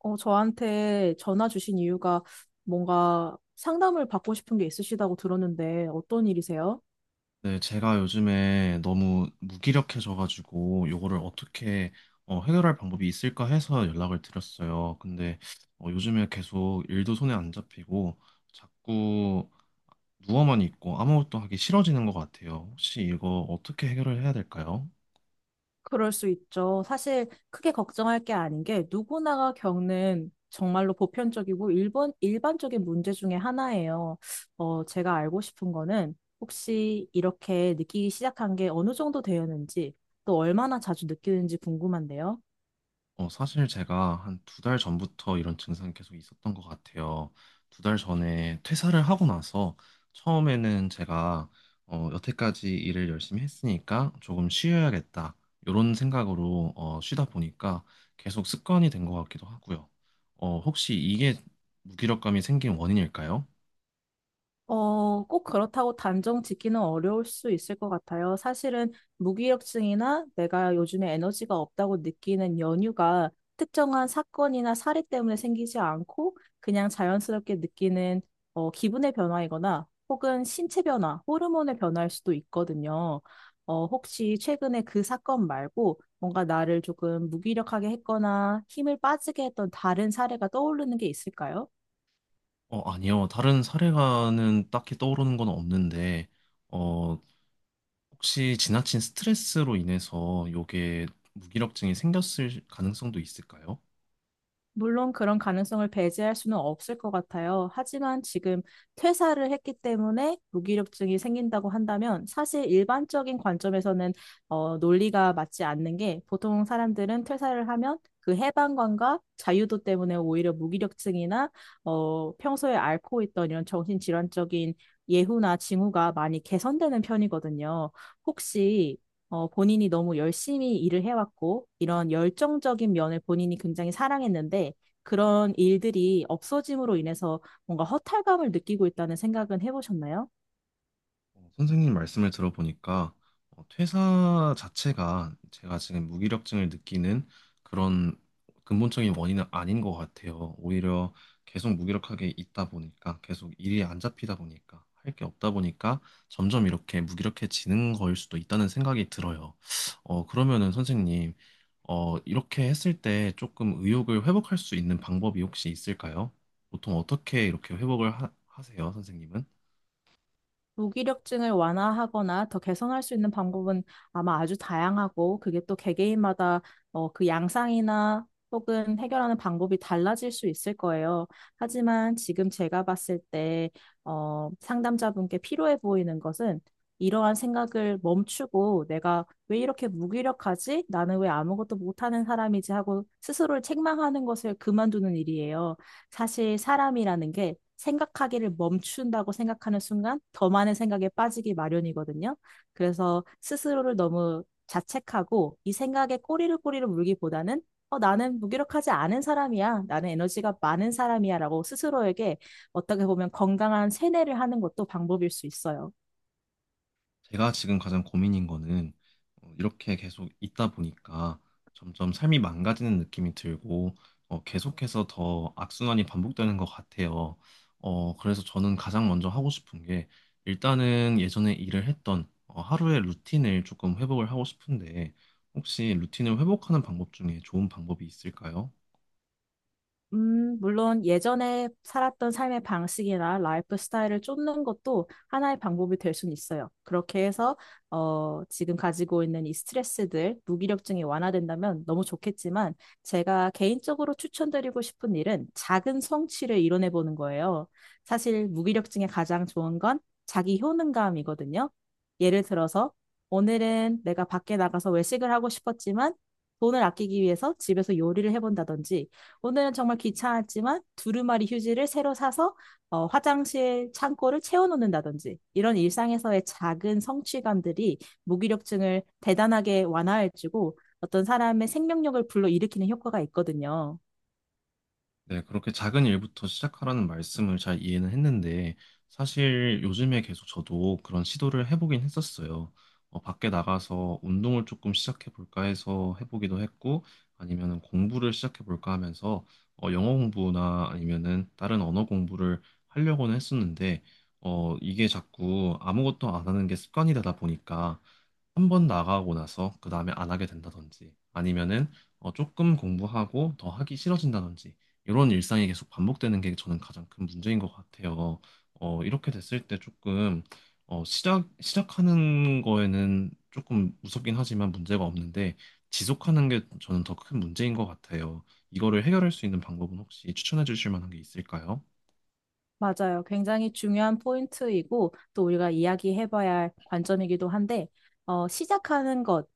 저한테 전화 주신 이유가 뭔가 상담을 받고 싶은 게 있으시다고 들었는데 어떤 일이세요? 네, 제가 요즘에 너무 무기력해져가지고 요거를 어떻게 해결할 방법이 있을까 해서 연락을 드렸어요. 근데 요즘에 계속 일도 손에 안 잡히고 자꾸 누워만 있고 아무것도 하기 싫어지는 것 같아요. 혹시 이거 어떻게 해결을 해야 될까요? 그럴 수 있죠. 사실 크게 걱정할 게 아닌 게 누구나가 겪는 정말로 보편적이고 일반적인 문제 중에 하나예요. 제가 알고 싶은 거는 혹시 이렇게 느끼기 시작한 게 어느 정도 되었는지 또 얼마나 자주 느끼는지 궁금한데요. 사실 제가 한 두 달 전부터 이런 증상이 계속 있었던 것 같아요. 두 달 전에 퇴사를 하고 나서 처음에는 제가 여태까지 일을 열심히 했으니까 조금 쉬어야겠다. 이런 생각으로 쉬다 보니까 계속 습관이 된 것 같기도 하고요. 혹시 이게 무기력감이 생긴 원인일까요? 꼭 그렇다고 단정 짓기는 어려울 수 있을 것 같아요. 사실은 무기력증이나 내가 요즘에 에너지가 없다고 느끼는 연유가 특정한 사건이나 사례 때문에 생기지 않고 그냥 자연스럽게 느끼는 기분의 변화이거나 혹은 신체 변화, 호르몬의 변화일 수도 있거든요. 혹시 최근에 그 사건 말고 뭔가 나를 조금 무기력하게 했거나 힘을 빠지게 했던 다른 사례가 떠오르는 게 있을까요? 아니요. 다른 사례가는 딱히 떠오르는 건 없는데, 어, 혹시 지나친 스트레스로 인해서 요게 무기력증이 생겼을 가능성도 있을까요? 물론 그런 가능성을 배제할 수는 없을 것 같아요. 하지만 지금 퇴사를 했기 때문에 무기력증이 생긴다고 한다면 사실 일반적인 관점에서는 논리가 맞지 않는 게, 보통 사람들은 퇴사를 하면 그 해방감과 자유도 때문에 오히려 무기력증이나 평소에 앓고 있던 이런 정신질환적인 예후나 징후가 많이 개선되는 편이거든요. 혹시 본인이 너무 열심히 일을 해왔고, 이런 열정적인 면을 본인이 굉장히 사랑했는데, 그런 일들이 없어짐으로 인해서 뭔가 허탈감을 느끼고 있다는 생각은 해보셨나요? 선생님 말씀을 들어보니까 퇴사 자체가 제가 지금 무기력증을 느끼는 그런 근본적인 원인은 아닌 것 같아요. 오히려 계속 무기력하게 있다 보니까 계속 일이 안 잡히다 보니까 할 게 없다 보니까 점점 이렇게 무기력해지는 거일 수도 있다는 생각이 들어요. 그러면은 선생님 이렇게 했을 때 조금 의욕을 회복할 수 있는 방법이 혹시 있을까요? 보통 어떻게 이렇게 세요 선생님은? 무기력증을 완화하거나 더 개선할 수 있는 방법은 아마 아주 다양하고, 그게 또 개개인마다 그 양상이나 혹은 해결하는 방법이 달라질 수 있을 거예요. 하지만 지금 제가 봤을 때 상담자분께 필요해 보이는 것은 이러한 생각을 멈추고, 내가 왜 이렇게 무기력하지? 나는 왜 아무것도 못하는 사람이지? 하고 스스로를 책망하는 것을 그만두는 일이에요. 사실 사람이라는 게 생각하기를 멈춘다고 생각하는 순간 더 많은 생각에 빠지기 마련이거든요. 그래서 스스로를 너무 자책하고 이 생각에 꼬리를 물기보다는, 나는 무기력하지 않은 사람이야, 나는 에너지가 많은 사람이야, 라고 스스로에게 어떻게 보면 건강한 세뇌를 하는 것도 방법일 수 있어요. 제가 지금 가장 고민인 거는 이렇게 계속 있다 보니까 점점 삶이 망가지는 느낌이 들고 계속해서 더 악순환이 반복되는 것 같아요. 그래서 저는 가장 먼저 하고 싶은 게 일단은 예전에 일을 했던 하루의 루틴을 조금 회복을 하고 싶은데 혹시 루틴을 회복하는 방법 중에 좋은 방법이 있을까요? 물론 예전에 살았던 삶의 방식이나 라이프 스타일을 쫓는 것도 하나의 방법이 될 수는 있어요. 그렇게 해서 지금 가지고 있는 이 스트레스들, 무기력증이 완화된다면 너무 좋겠지만, 제가 개인적으로 추천드리고 싶은 일은 작은 성취를 이뤄내 보는 거예요. 사실 무기력증에 가장 좋은 건 자기 효능감이거든요. 예를 들어서 오늘은 내가 밖에 나가서 외식을 하고 싶었지만 돈을 아끼기 위해서 집에서 요리를 해본다든지, 오늘은 정말 귀찮았지만 두루마리 휴지를 새로 사서 화장실 창고를 채워놓는다든지, 이런 일상에서의 작은 성취감들이 무기력증을 대단하게 완화해주고 어떤 사람의 생명력을 불러일으키는 효과가 있거든요. 네, 그렇게 작은 일부터 시작하라는 말씀을 잘 이해는 했는데, 사실 요즘에 계속 저도 그런 시도를 해보긴 했었어요. 밖에 나가서 운동을 조금 시작해볼까 해서 해보기도 했고, 아니면은 공부를 시작해볼까 하면서, 영어 공부나 아니면은 다른 언어 공부를 하려고는 했었는데, 이게 자꾸 아무것도 안 하는 게 습관이 되다 보니까, 한 번 나가고 나서 그 다음에 안 하게 된다든지 아니면은 조금 공부하고 더 하기 싫어진다든지 이런 일상이 계속 반복되는 게 저는 가장 큰 문제인 것 같아요. 이렇게 됐을 때 조금 시작하는 거에는 조금 무섭긴 하지만 문제가 없는데 지속하는 게 저는 더 큰 문제인 것 같아요. 이거를 해결할 수 있는 방법은 혹시 추천해 주실 만한 게 있을까요? 맞아요. 굉장히 중요한 포인트이고 또 우리가 이야기해봐야 할 관점이기도 한데, 시작하는 것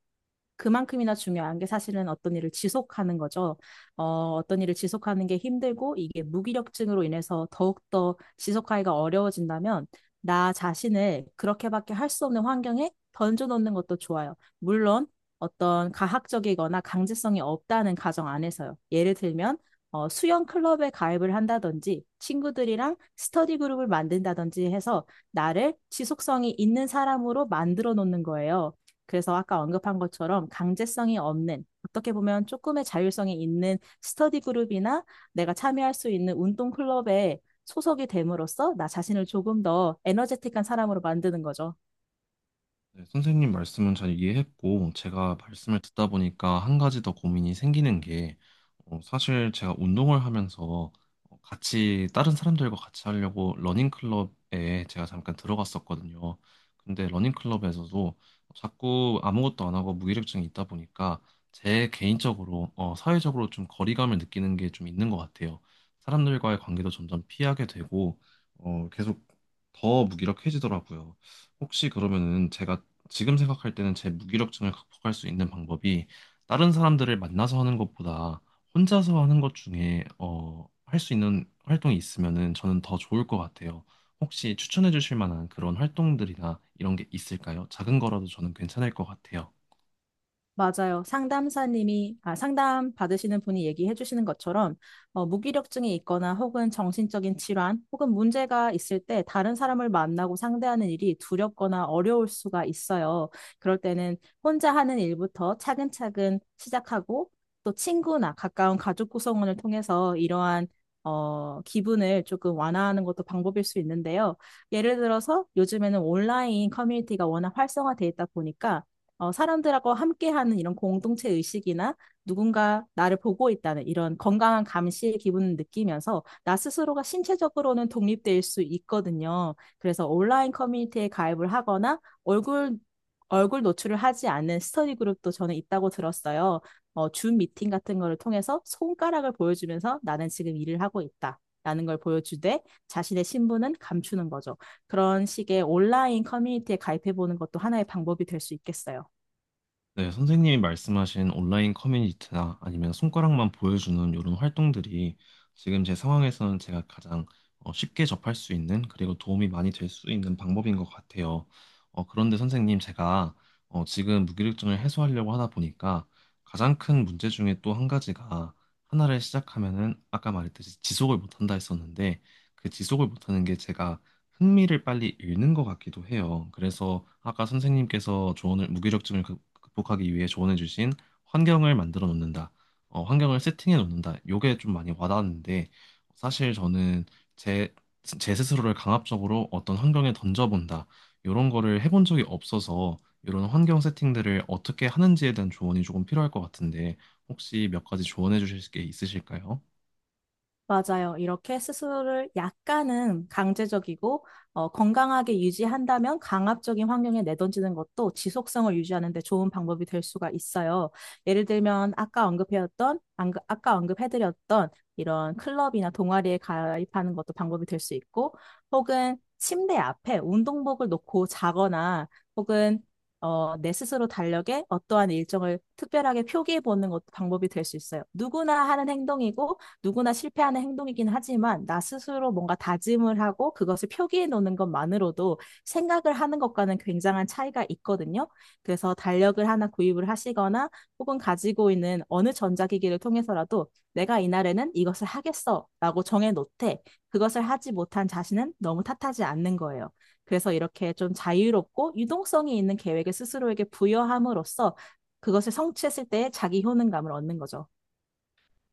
그만큼이나 중요한 게 사실은 어떤 일을 지속하는 거죠. 어, 어떤 일을 지속하는 게 힘들고 이게 무기력증으로 인해서 더욱더 지속하기가 어려워진다면, 나 자신을 그렇게밖에 할 수 없는 환경에 던져놓는 것도 좋아요. 물론 어떤 가학적이거나 강제성이 없다는 가정 안에서요. 예를 들면 수영 클럽에 가입을 한다든지, 친구들이랑 스터디 그룹을 만든다든지 해서 나를 지속성이 있는 사람으로 만들어 놓는 거예요. 그래서 아까 언급한 것처럼 강제성이 없는, 어떻게 보면 조금의 자율성이 있는 스터디 그룹이나 내가 참여할 수 있는 운동 클럽에 소속이 됨으로써 나 자신을 조금 더 에너제틱한 사람으로 만드는 거죠. 네, 선생님 말씀은 잘 이해했고, 제가 말씀을 듣다 보니까 한 가지 더 고민이 생기는 게, 사실 제가 운동을 하면서 다른 사람들과 같이 하려고 러닝클럽에 제가 잠깐 들어갔었거든요. 근데 러닝클럽에서도 자꾸 아무것도 안 하고 무기력증이 있다 보니까 제 개인적으로, 사회적으로 좀 거리감을 느끼는 게 좀 있는 것 같아요. 사람들과의 관계도 점점 피하게 되고, 계속 더 무기력해지더라고요. 혹시 그러면은 제가 지금 생각할 때는 제 무기력증을 극복할 수 있는 방법이 다른 사람들을 만나서 하는 것보다 혼자서 하는 것 중에 할 수 있는 활동이 있으면은 저는 더 좋을 것 같아요. 혹시 추천해 주실 만한 그런 활동들이나 이런 게 있을까요? 작은 거라도 저는 괜찮을 것 같아요. 맞아요. 상담 받으시는 분이 얘기해 주시는 것처럼, 무기력증이 있거나 혹은 정신적인 질환 혹은 문제가 있을 때 다른 사람을 만나고 상대하는 일이 두렵거나 어려울 수가 있어요. 그럴 때는 혼자 하는 일부터 차근차근 시작하고, 또 친구나 가까운 가족 구성원을 통해서 이러한 기분을 조금 완화하는 것도 방법일 수 있는데요. 예를 들어서 요즘에는 온라인 커뮤니티가 워낙 활성화돼 있다 보니까 사람들하고 함께하는 이런 공동체 의식이나 누군가 나를 보고 있다는 이런 건강한 감시의 기분을 느끼면서 나 스스로가 신체적으로는 독립될 수 있거든요. 그래서 온라인 커뮤니티에 가입을 하거나 얼굴 얼굴 노출을 하지 않는 스터디 그룹도 저는 있다고 들었어요. 줌 미팅 같은 거를 통해서 손가락을 보여주면서, 나는 지금 일을 하고 있다, 라는 걸 보여주되 자신의 신분은 감추는 거죠. 그런 식의 온라인 커뮤니티에 가입해보는 것도 하나의 방법이 될 수 있겠어요. 네, 선생님이 말씀하신 온라인 커뮤니티나 아니면 손가락만 보여주는 이런 활동들이 지금 제 상황에서는 제가 가장 쉽게 접할 수 있는 그리고 도움이 많이 될 수 있는 방법인 것 같아요. 그런데 선생님 제가 지금 무기력증을 해소하려고 하다 보니까 가장 큰 문제 중에 또 한 가지가 하나를 시작하면은 아까 말했듯이 지속을 못한다 했었는데 그 지속을 못하는 게 제가 흥미를 빨리 잃는 것 같기도 해요. 그래서 아까 선생님께서 조언을 극복하기 위해 조언해 주신 환경을 만들어 놓는다. 환경을 세팅해 놓는다. 요게 좀 많이 와닿았는데 사실 저는 제, 제 스스로를 강압적으로 어떤 환경에 던져본다. 이런 거를 해본 적이 없어서 이런 환경 세팅들을 어떻게 하는지에 대한 조언이 조금 필요할 것 같은데 혹시 몇 가지 조언해 주실 게 있으실까요? 맞아요. 이렇게 스스로를 약간은 강제적이고 건강하게 유지한다면 강압적인 환경에 내던지는 것도 지속성을 유지하는 데 좋은 방법이 될 수가 있어요. 예를 들면, 아까 언급해드렸던 이런 클럽이나 동아리에 가입하는 것도 방법이 될 수 있고, 혹은 침대 앞에 운동복을 놓고 자거나, 혹은 내 스스로 달력에 어떠한 일정을 특별하게 표기해 보는 것도 방법이 될 수 있어요. 누구나 하는 행동이고 누구나 실패하는 행동이긴 하지만, 나 스스로 뭔가 다짐을 하고 그것을 표기해 놓는 것만으로도 생각을 하는 것과는 굉장한 차이가 있거든요. 그래서 달력을 하나 구입을 하시거나 혹은 가지고 있는 어느 전자기기를 통해서라도, 내가 이날에는 이것을 하겠어라고 정해 놓되 그것을 하지 못한 자신은 너무 탓하지 않는 거예요. 그래서 이렇게 좀 자유롭고 유동성이 있는 계획을 스스로에게 부여함으로써 그것을 성취했을 때의 자기 효능감을 얻는 거죠.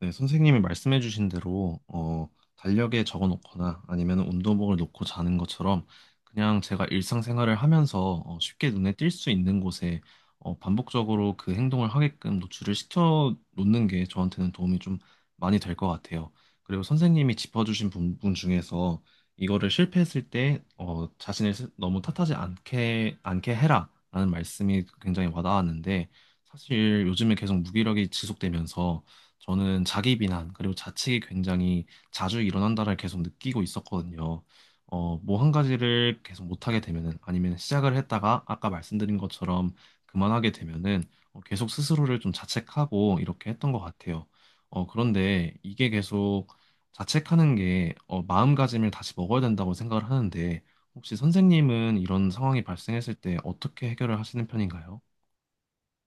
네, 선생님이 말씀해 주신 대로 달력에 적어 놓거나 아니면 운동복을 놓고 자는 것처럼 그냥 제가 일상생활을 하면서 쉽게 눈에 띌 수 있는 곳에 반복적으로 그 행동을 하게끔 노출을 시켜 놓는 게 저한테는 도움이 좀 많이 될 것 같아요. 그리고 선생님이 짚어주신 부분 중에서 이거를 실패했을 때 너무 탓하지 않게 해라라는 말씀이 굉장히 와닿았는데 사실 요즘에 계속 무기력이 지속되면서 저는 자기 비난 그리고 자책이 굉장히 자주 일어난다를 계속 느끼고 있었거든요. 뭐 한 가지를 계속 못하게 되면은 아니면 시작을 했다가 아까 말씀드린 것처럼 그만하게 되면은 계속 스스로를 좀 자책하고 이렇게 했던 것 같아요. 그런데 이게 계속 자책하는 게 마음가짐을 다시 먹어야 된다고 생각을 하는데 혹시 선생님은 이런 상황이 발생했을 때 어떻게 해결을 하시는 편인가요?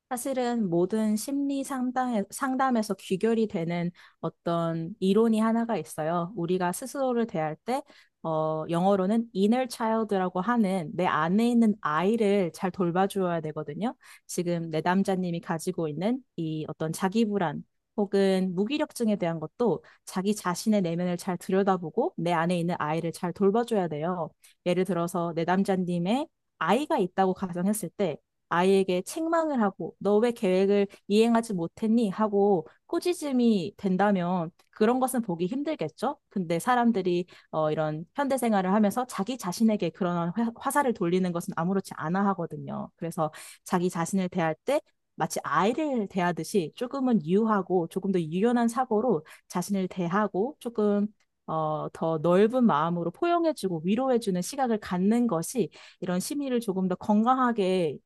사실은 모든 심리 상담에서 귀결이 되는 어떤 이론이 하나가 있어요. 우리가 스스로를 대할 때, 영어로는 inner child라고 하는 내 안에 있는 아이를 잘 돌봐줘야 되거든요. 지금 내 남자님이 가지고 있는 이 어떤 자기 불안 혹은 무기력증에 대한 것도 자기 자신의 내면을 잘 들여다보고 내 안에 있는 아이를 잘 돌봐줘야 돼요. 예를 들어서 내 남자님의 아이가 있다고 가정했을 때, 아이에게 책망을 하고 너 왜 계획을 이행하지 못했니? 하고 꾸짖음이 된다면 그런 것은 보기 힘들겠죠? 근데 사람들이 이런 현대 생활을 하면서 자기 자신에게 그런 화살을 돌리는 것은 아무렇지 않아 하거든요. 그래서 자기 자신을 대할 때 마치 아이를 대하듯이 조금은 유하고 조금 더 유연한 사고로 자신을 대하고, 조금 더 넓은 마음으로 포용해주고 위로해주는 시각을 갖는 것이 이런 심리를 조금 더 건강하게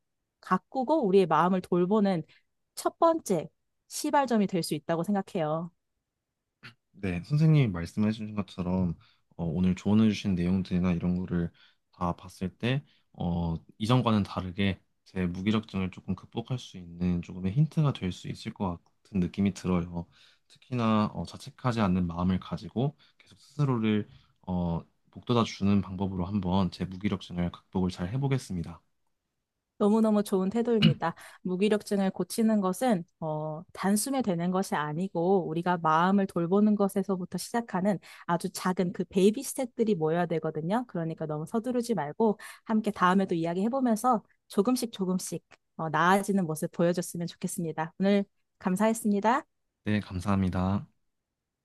가꾸고 우리의 마음을 돌보는 첫 번째 시발점이 될 수 있다고 생각해요. 네, 선생님이 말씀해 주신 것처럼 오늘 조언해 주신 내용들이나 이런 거를 다 봤을 때 이전과는 다르게 제 무기력증을 조금 극복할 수 있는 조금의 힌트가 될 수 있을 것 같은 느낌이 들어요. 특히나 자책하지 않는 마음을 가지고 계속 스스로를 어, 북돋아 주는 방법으로 한번 제 무기력증을 극복을 잘 해보겠습니다. 너무너무 좋은 태도입니다. 무기력증을 고치는 것은 단숨에 되는 것이 아니고 우리가 마음을 돌보는 것에서부터 시작하는 아주 작은 그 베이비 스텝들이 모여야 되거든요. 그러니까 너무 서두르지 말고 함께 다음에도 이야기해보면서 조금씩 조금씩 나아지는 모습 보여줬으면 좋겠습니다. 오늘 감사했습니다. 네, 감사합니다.